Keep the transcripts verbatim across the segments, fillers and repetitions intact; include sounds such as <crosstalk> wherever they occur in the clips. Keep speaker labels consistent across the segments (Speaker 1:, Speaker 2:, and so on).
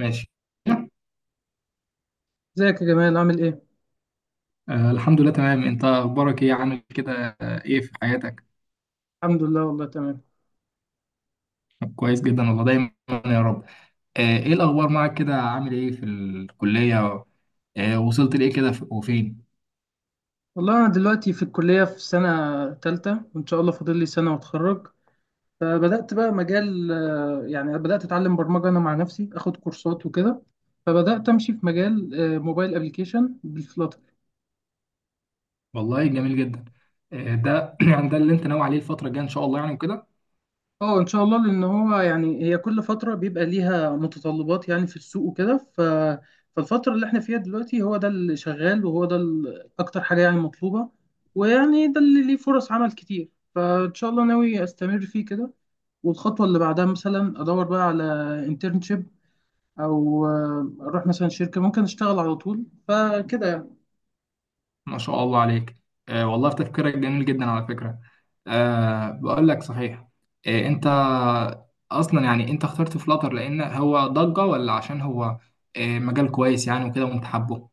Speaker 1: ماشي.
Speaker 2: ازيك يا جمال عامل ايه؟
Speaker 1: آه الحمد لله تمام، انت اخبارك ايه؟ عامل كده آه، ايه في حياتك؟
Speaker 2: الحمد لله والله تمام.
Speaker 1: كويس جدا والله، دايما. يا رب. آه ايه الاخبار معك كده؟ عامل ايه في الكلية؟ آه وصلت لايه كده ف- وفين؟
Speaker 2: والله انا دلوقتي في الكلية في سنة تالتة، وان شاء الله فاضل لي سنة واتخرج. فبدأت بقى مجال آه، يعني بدأت اتعلم برمجة انا مع نفسي، اخد كورسات وكده. فبدأت امشي في مجال آه، موبايل ابلكيشن.
Speaker 1: والله جميل جدا. آه ده <clears throat> يعني ده اللي انت ناوي عليه الفترة الجاية ان شاء الله يعني وكده.
Speaker 2: اه ان شاء الله، لان هو يعني هي كل فتره بيبقى ليها متطلبات يعني في السوق وكده. ف فالفتره اللي احنا فيها دلوقتي هو ده اللي شغال، وهو ده ال- اكتر حاجه يعني مطلوبه، ويعني ده اللي ليه فرص عمل كتير. فان شاء الله ناوي استمر فيه كده. والخطوه اللي بعدها مثلا ادور بقى على انترنشيب، او آه، اروح مثلا شركه ممكن اشتغل على طول، فكده.
Speaker 1: ما شاء الله عليك. آه والله في تفكيرك جميل جدا على فكرة. آه بقول لك صحيح. آه انت اصلا يعني انت اخترت فلاتر لان هو ضجة، ولا عشان هو آه مجال كويس يعني وكده، وانت حابه؟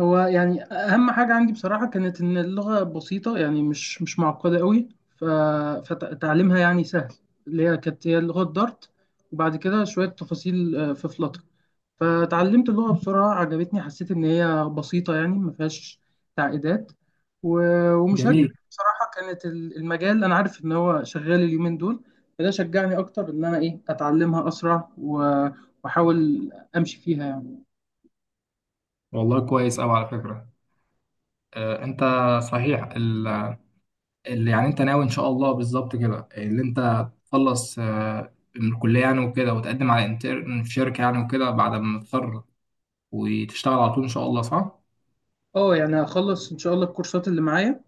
Speaker 2: هو يعني اهم حاجه عندي بصراحه كانت ان اللغه بسيطه، يعني مش مش معقده قوي. ف... فتعليمها يعني سهل. اللي هي كانت هي لغه دارت، وبعد كده شويه تفاصيل آه، في فلاتر. فتعلمت اللغه بسرعه، عجبتني، حسيت ان هي بسيطه يعني ما فيهاش تعقيدات. و... ومش
Speaker 1: جميل،
Speaker 2: هكذب بصراحه، كانت ال- المجال انا عارف ان هو شغال اليومين دول، فده شجعني اكتر ان انا ايه اتعلمها اسرع و... واحاول امشي فيها يعني.
Speaker 1: والله كويس أوي على فكرة. آه، أنت صحيح ال- اللي يعني أنت ناوي إن شاء الله بالظبط، كده اللي أنت تخلص آه، من الكلية يعني وكده، وتقدم على انترن في شركة يعني وكده بعد ما تتخرج وتشتغل على طول إن شاء الله، صح؟
Speaker 2: اه يعني هخلص ان شاء الله الكورسات اللي معايا،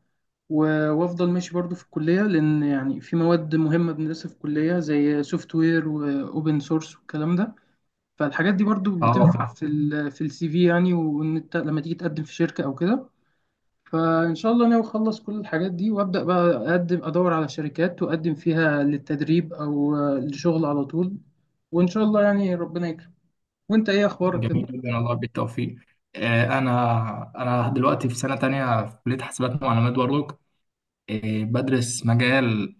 Speaker 2: و- وافضل ماشي برضو في الكليه، لان يعني في مواد مهمه بندرسها في الكليه زي سوفت وير واوبن سورس والكلام ده. فالحاجات دي برضو
Speaker 1: أه.
Speaker 2: بتنفع في ال في السي في يعني، وان انت لما تيجي تقدم في شركه او كده. فان شاء الله ناوي اخلص كل الحاجات دي وابدا بقى اقدم، ادور على شركات واقدم فيها للتدريب او للشغل على طول. وان شاء الله يعني ربنا يكرم. وانت ايه اخبارك كده؟
Speaker 1: جميل جدا والله، بالتوفيق. آه، أنا أنا دلوقتي في سنة تانية في كلية حاسبات ومعلومات برضك. آه، بدرس مجال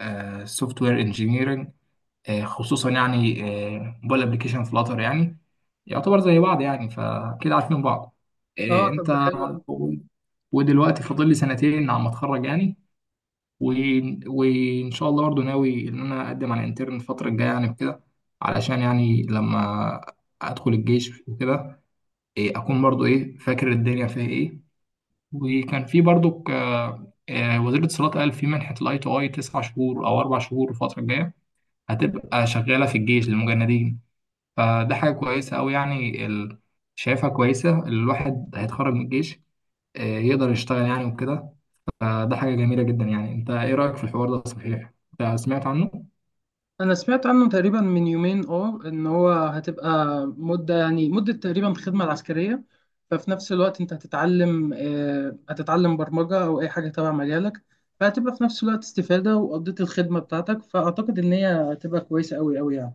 Speaker 1: سوفت وير انجينيرنج، آه، خصوصا يعني آه، موبايل ابلكيشن فلاتر. يعني يعتبر زي بعض يعني، فكده عارفين بعض. آه،
Speaker 2: اه طب
Speaker 1: انت
Speaker 2: ده حلو.
Speaker 1: ودلوقتي فاضل لي سنتين على ما اتخرج يعني. و... وان شاء الله برضه ناوي ان انا اقدم على انترن الفتره الجايه يعني وكده، علشان يعني لما ادخل الجيش وكده إيه، اكون برضه ايه فاكر الدنيا فيها ايه. وكان في برضه وزير الاتصالات قال في منحه الاي تو اي تسع شهور او اربع شهور الفتره الجايه هتبقى شغاله في الجيش للمجندين. فده حاجة كويسة أوي يعني، ال... شايفها كويسة. الواحد هيتخرج من الجيش آه، يقدر يشتغل يعني وكده. فده حاجة جميلة جدا يعني. أنت إيه رأيك في الحوار ده؟ صحيح؟ أنت سمعت عنه؟
Speaker 2: انا سمعت عنه تقريبا من يومين، اه ان هو هتبقى مده، يعني مده تقريبا الخدمه العسكريه. ففي نفس الوقت انت هتتعلم آه، هتتعلم برمجه او اي حاجه تبع مجالك، فهتبقى في نفس الوقت استفاده وقضيت الخدمه بتاعتك. فاعتقد ان هي هتبقى كويسه قوي قوي يعني.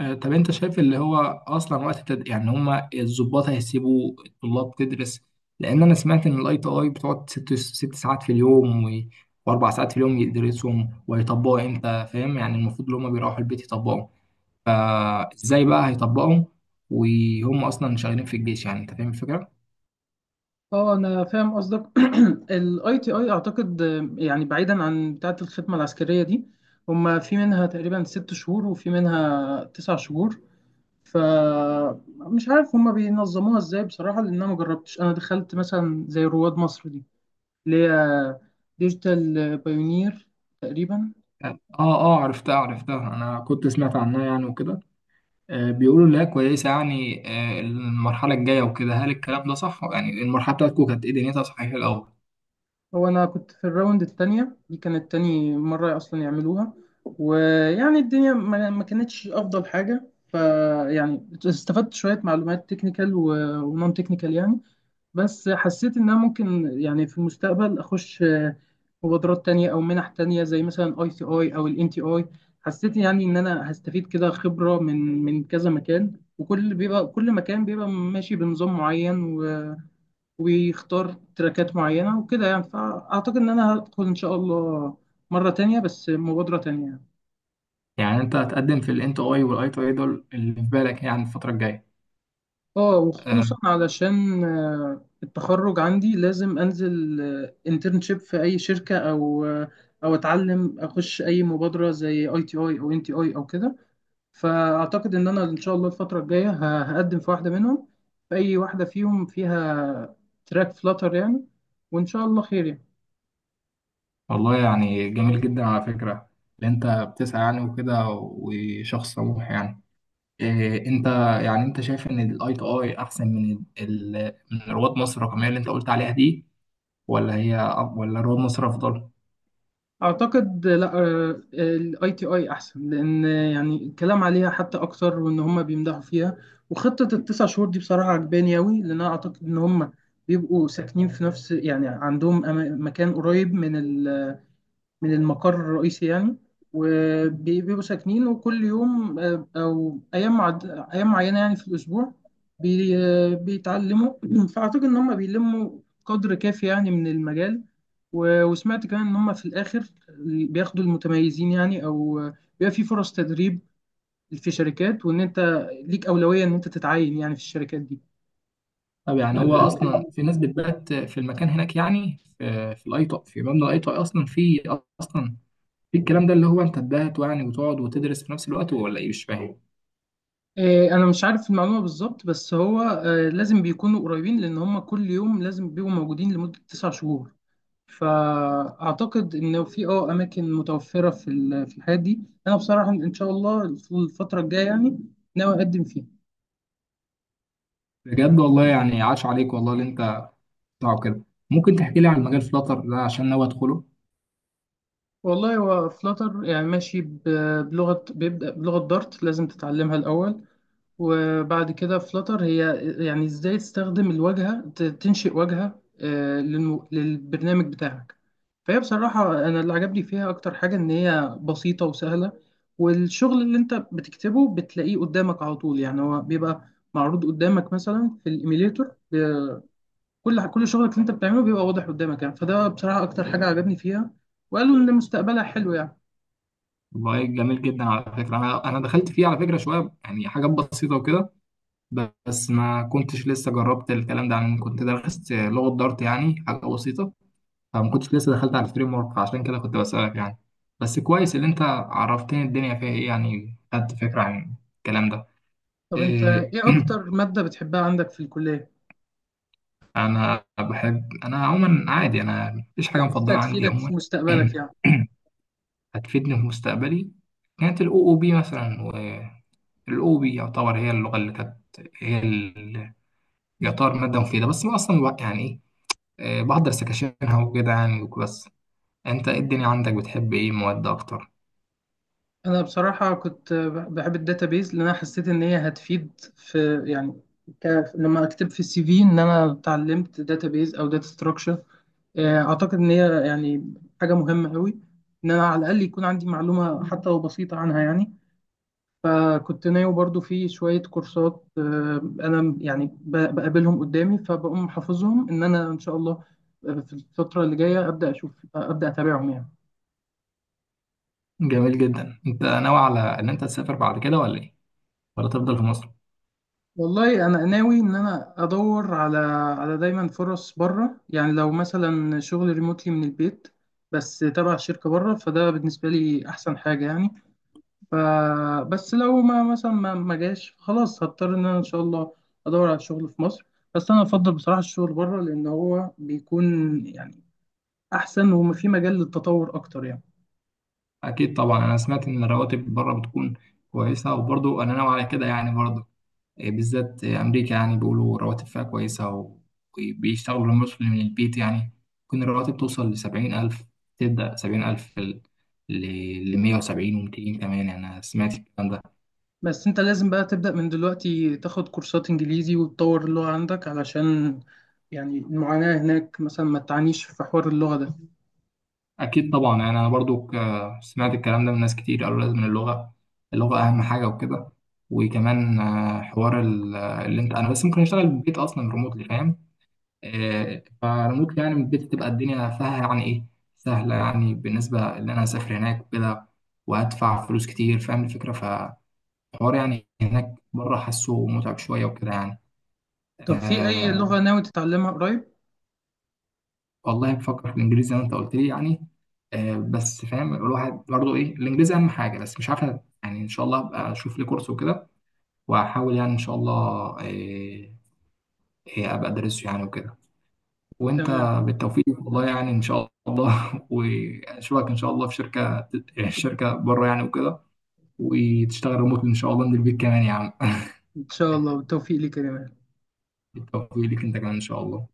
Speaker 1: آه، طب أنت شايف اللي هو أصلا وقت التد... يعني هما الضباط هيسيبوا الطلاب تدرس؟ لأن أنا سمعت إن الأي تي أي بتقعد ست ست ساعات في اليوم و... وأربع ساعات في اليوم يدرسهم ويطبقوا، إمتى فاهم يعني؟ المفروض اللي هما بيروحوا البيت يطبقوا. فازاي بقى هيطبقهم وهم اصلا شغالين في الجيش؟ يعني انت فاهم الفكره.
Speaker 2: اه انا فاهم قصدك. <clears throat> الاي تي اي اعتقد آه، يعني بعيدا عن بتاعه الخدمه العسكريه دي، هما في منها تقريبا ست شهور وفي منها تسع شهور. فمش عارف هما بينظموها ازاي بصراحة، لأن أنا مجربتش. أنا دخلت مثلا زي رواد مصر دي، اللي هي ديجيتال بايونير تقريبا.
Speaker 1: اه اه، عرفتها عرفتها، انا كنت سمعت عنها يعني وكده. آه بيقولوا انها كويسه يعني آه المرحله الجايه وكده. هل الكلام ده صح؟ يعني المرحله بتاعتكم كانت ايه دنيتها صحيح الاول؟
Speaker 2: هو أنا كنت في الراوند التانية، دي كانت تاني مرة أصلا يعملوها. ويعني الدنيا ما ما كانتش أفضل حاجة، فيعني استفدت شوية معلومات تكنيكال ونون تكنيكال يعني. بس حسيت إن أنا ممكن يعني في المستقبل أخش آه، مبادرات تانية أو منح تانية زي مثلا أي سي أي أو الإن تي أي. حسيت يعني إن أنا هستفيد كده خبرة من من كذا مكان، وكل بيبقى كل مكان بيبقى ماشي بنظام معين و- ويختار تراكات معينة وكده يعني. فأعتقد إن أنا هدخل إن شاء الله مرة تانية بس مبادرة تانية يعني.
Speaker 1: يعني انت هتقدم في الانت اي والاي تو اي دول اللي في بالك يعني الفتره الجايه؟
Speaker 2: اه
Speaker 1: آه
Speaker 2: وخصوصا علشان آه، التخرج عندي لازم انزل انترنشيب في اي شركه، او آه، او اتعلم اخش اي مبادره زي اي تي اي او ان تي اي او كده. فاعتقد ان انا ان شاء الله الفتره الجايه ه- هقدم في واحده منهم، في اي واحده فيهم فيها تراك فلاتر يعني. وان شاء الله خير يعني.
Speaker 1: والله يعني جميل جدا على فكره اللي انت بتسعى يعني وكده، وشخص طموح يعني. إيه، انت يعني انت شايف ان الاي تو اي احسن من ال... من رواد مصر الرقميه اللي انت قلت عليها دي؟ ولا هي أف- ولا رواد مصر افضل؟
Speaker 2: اعتقد لا، الاي تي اي احسن، لان يعني الكلام عليها حتى اكتر وان هم بيمدحوا فيها. وخطه التسع شهور دي بصراحه عجباني قوي، لان انا اعتقد ان هم بيبقوا ساكنين في نفس، يعني عندهم أما- مكان قريب من من المقر الرئيسي يعني. وبيبقوا ساكنين، وكل يوم آه، أو أيام معد... أيام معينة يعني في الأسبوع بي... آه، بيتعلموا. <clears throat> فأعتقد إن هم بيلموا قدر كافي يعني من المجال. و... وسمعت كمان إن هم في الآخر بياخدوا المتميزين يعني، أو آه، بيبقى في فرص تدريب في شركات، وإن أنت ليك أولوية إن أنت تتعين يعني في الشركات دي.
Speaker 1: طب يعني هو اصلا في ناس بتبات في المكان هناك؟ يعني في في الاي تو، في مبنى الاي تو اي اصلا في اصلا في الكلام ده اللي هو انت تبات يعني وتقعد وتدرس في نفس الوقت، ولا ايه؟ مش فاهم.
Speaker 2: آه، انا مش عارف المعلومه بالظبط، بس هو آه، لازم بيكونوا قريبين لان هم كل يوم لازم بيبقوا موجودين لمده تسع شهور. فاعتقد ان في اه اماكن متوفره في ال- في الحاجات دي. انا بصراحه ان شاء الله في الفتره الجايه يعني ناوي اقدم فيها.
Speaker 1: بجد والله يعني عاش عليك، والله اللي انت بتطلعه كده. ممكن تحكي لي عن مجال فلاتر ده عشان ناوي ادخله؟
Speaker 2: والله هو فلاتر يعني ماشي ب- بلغه، بيبدا بلغه دارت لازم تتعلمها الاول. وبعد كده فلتر هي يعني ازاي تستخدم الواجهة، ت- تنشئ واجهة آه، للمو- للبرنامج بتاعك. فهي بصراحة أنا اللي عجبني فيها أكتر حاجة إن هي بسيطة وسهلة، والشغل اللي أنت بتكتبه بتلاقيه قدامك على طول. يعني هو بيبقى معروض قدامك مثلا في الإيميليتور، ب- كل كل شغلك اللي أنت بتعمله بيبقى واضح قدامك يعني. فده بصراحة أكتر حاجة عجبني فيها، وقالوا إن مستقبلها حلو يعني.
Speaker 1: والله جميل جدا على فكره، انا انا دخلت فيه على فكره شويه، يعني حاجات بسيطه وكده. بس ما كنتش لسه جربت الكلام ده، يعني كنت درست لغة دارت يعني حاجة بسيطة، فما كنتش لسه دخلت على الفريم ورك، فعشان كده كنت بسألك يعني. بس كويس اللي انت عرفتني الدنيا فيها ايه، يعني خدت فكرة عن الكلام ده.
Speaker 2: طب أنت
Speaker 1: إيه.
Speaker 2: إيه أكتر مادة بتحبها عندك في الكلية،
Speaker 1: انا بحب انا عموما عادي، انا مفيش
Speaker 2: اللي
Speaker 1: حاجة
Speaker 2: حاسسها
Speaker 1: مفضلة عندي
Speaker 2: تفيدك في
Speaker 1: عموما.
Speaker 2: مستقبلك يعني؟
Speaker 1: <clears throat> هتفيدني في مستقبلي كانت الاو او بي مثلا. والاو بي يعتبر هي اللغة اللي كانت، هي ال- يعتبر مادة مفيدة بس ما اصلا يعني آه، بحضر سكاشينها وكده يعني وبس. انت ايه الدنيا عندك؟ بتحب ايه مواد اكتر؟
Speaker 2: انا بصراحه كنت بحب الداتابيز، لان انا حسيت ان هي هتفيد في يعني ك... لما اكتب في السي في ان انا اتعلمت داتابيز او داتا ستراكشر. اعتقد ان هي يعني حاجه مهمه قوي ان انا على الاقل يكون عندي معلومه حتى لو بسيطه عنها يعني. فكنت ناوي برضو في شويه كورسات آه، انا يعني ب- بقابلهم قدامي، فبقوم حافظهم ان انا ان شاء الله آه، في الفتره اللي جايه ابدا اشوف ابدا اتابعهم يعني.
Speaker 1: جميل جدا. انت ناوي على ان انت تسافر بعد كده ولا ايه؟ ولا تفضل في مصر؟
Speaker 2: والله انا ناوي ان انا ادور على على دايما فرص بره يعني، لو مثلا شغل ريموتلي من البيت بس تبع شركه بره، فده بالنسبه لي احسن حاجه يعني. فبس لو ما مثلا ما ما جاش خلاص هضطر ان انا ان شاء الله ادور على شغل في مصر. بس انا افضل بصراحه الشغل بره لان هو بيكون يعني احسن، وفي مجال للتطور اكتر يعني.
Speaker 1: اكيد طبعا، انا سمعت ان الرواتب بره بتكون كويسه، وبرضو انا ناوي على كده يعني برضو آه، بالذات آه، امريكا. يعني بيقولوا رواتب فيها كويسه و- وبيشتغلوا المصري من البيت يعني. ممكن الرواتب توصل لسبعين ألف، تبدأ سبعين ألف ل مية وسبعين و200 كمان يعني. أنا سمعت الكلام ده.
Speaker 2: بس انت لازم بقى تبدأ من دلوقتي تاخد كورسات انجليزي، وتطور اللغة عندك علشان يعني المعاناة هناك مثلا ما تعانيش في حوار اللغة ده.
Speaker 1: اكيد طبعا، يعني انا برضو ك- سمعت الكلام ده من ناس كتير، قالوا لازم اللغه اللغه اهم حاجه وكده. وكمان آه، حوار ال- اللي انت انا بس ممكن اشتغل من البيت اصلا ريموتلي فاهم آه، فريموتلي يعني من البيت، تبقى الدنيا فيها يعني ايه سهله، يعني بالنسبه ان انا اسافر هناك وكده وادفع فلوس كتير، فاهم الفكره؟ فحوار يعني هناك بره حاسه متعب شويه وكده يعني
Speaker 2: طب في اي لغة
Speaker 1: آه،
Speaker 2: ناوي تتعلمها قريب؟
Speaker 1: والله بفكر في الانجليزي زي ما انت قلت لي يعني. آه بس فاهم الواحد برضه ايه، الانجليزي اهم حاجه، بس مش عارف. يعني ان شاء الله ابقى اشوف لي كورس وكده واحاول يعني ان شاء الله آه آه، ابقى ادرسه يعني وكده. وانت
Speaker 2: تمام.
Speaker 1: بالتوفيق والله يعني ان شاء الله. <laughs> واشوفك ان شاء الله في شركه شركه بره يعني وكده، وتشتغل ريموت ان شاء الله من البيت كمان يا عم. <laughs>
Speaker 2: ان شاء الله والتوفيق ليك يا جمال.
Speaker 1: بالتوفيق ليك انت كمان ان شاء الله.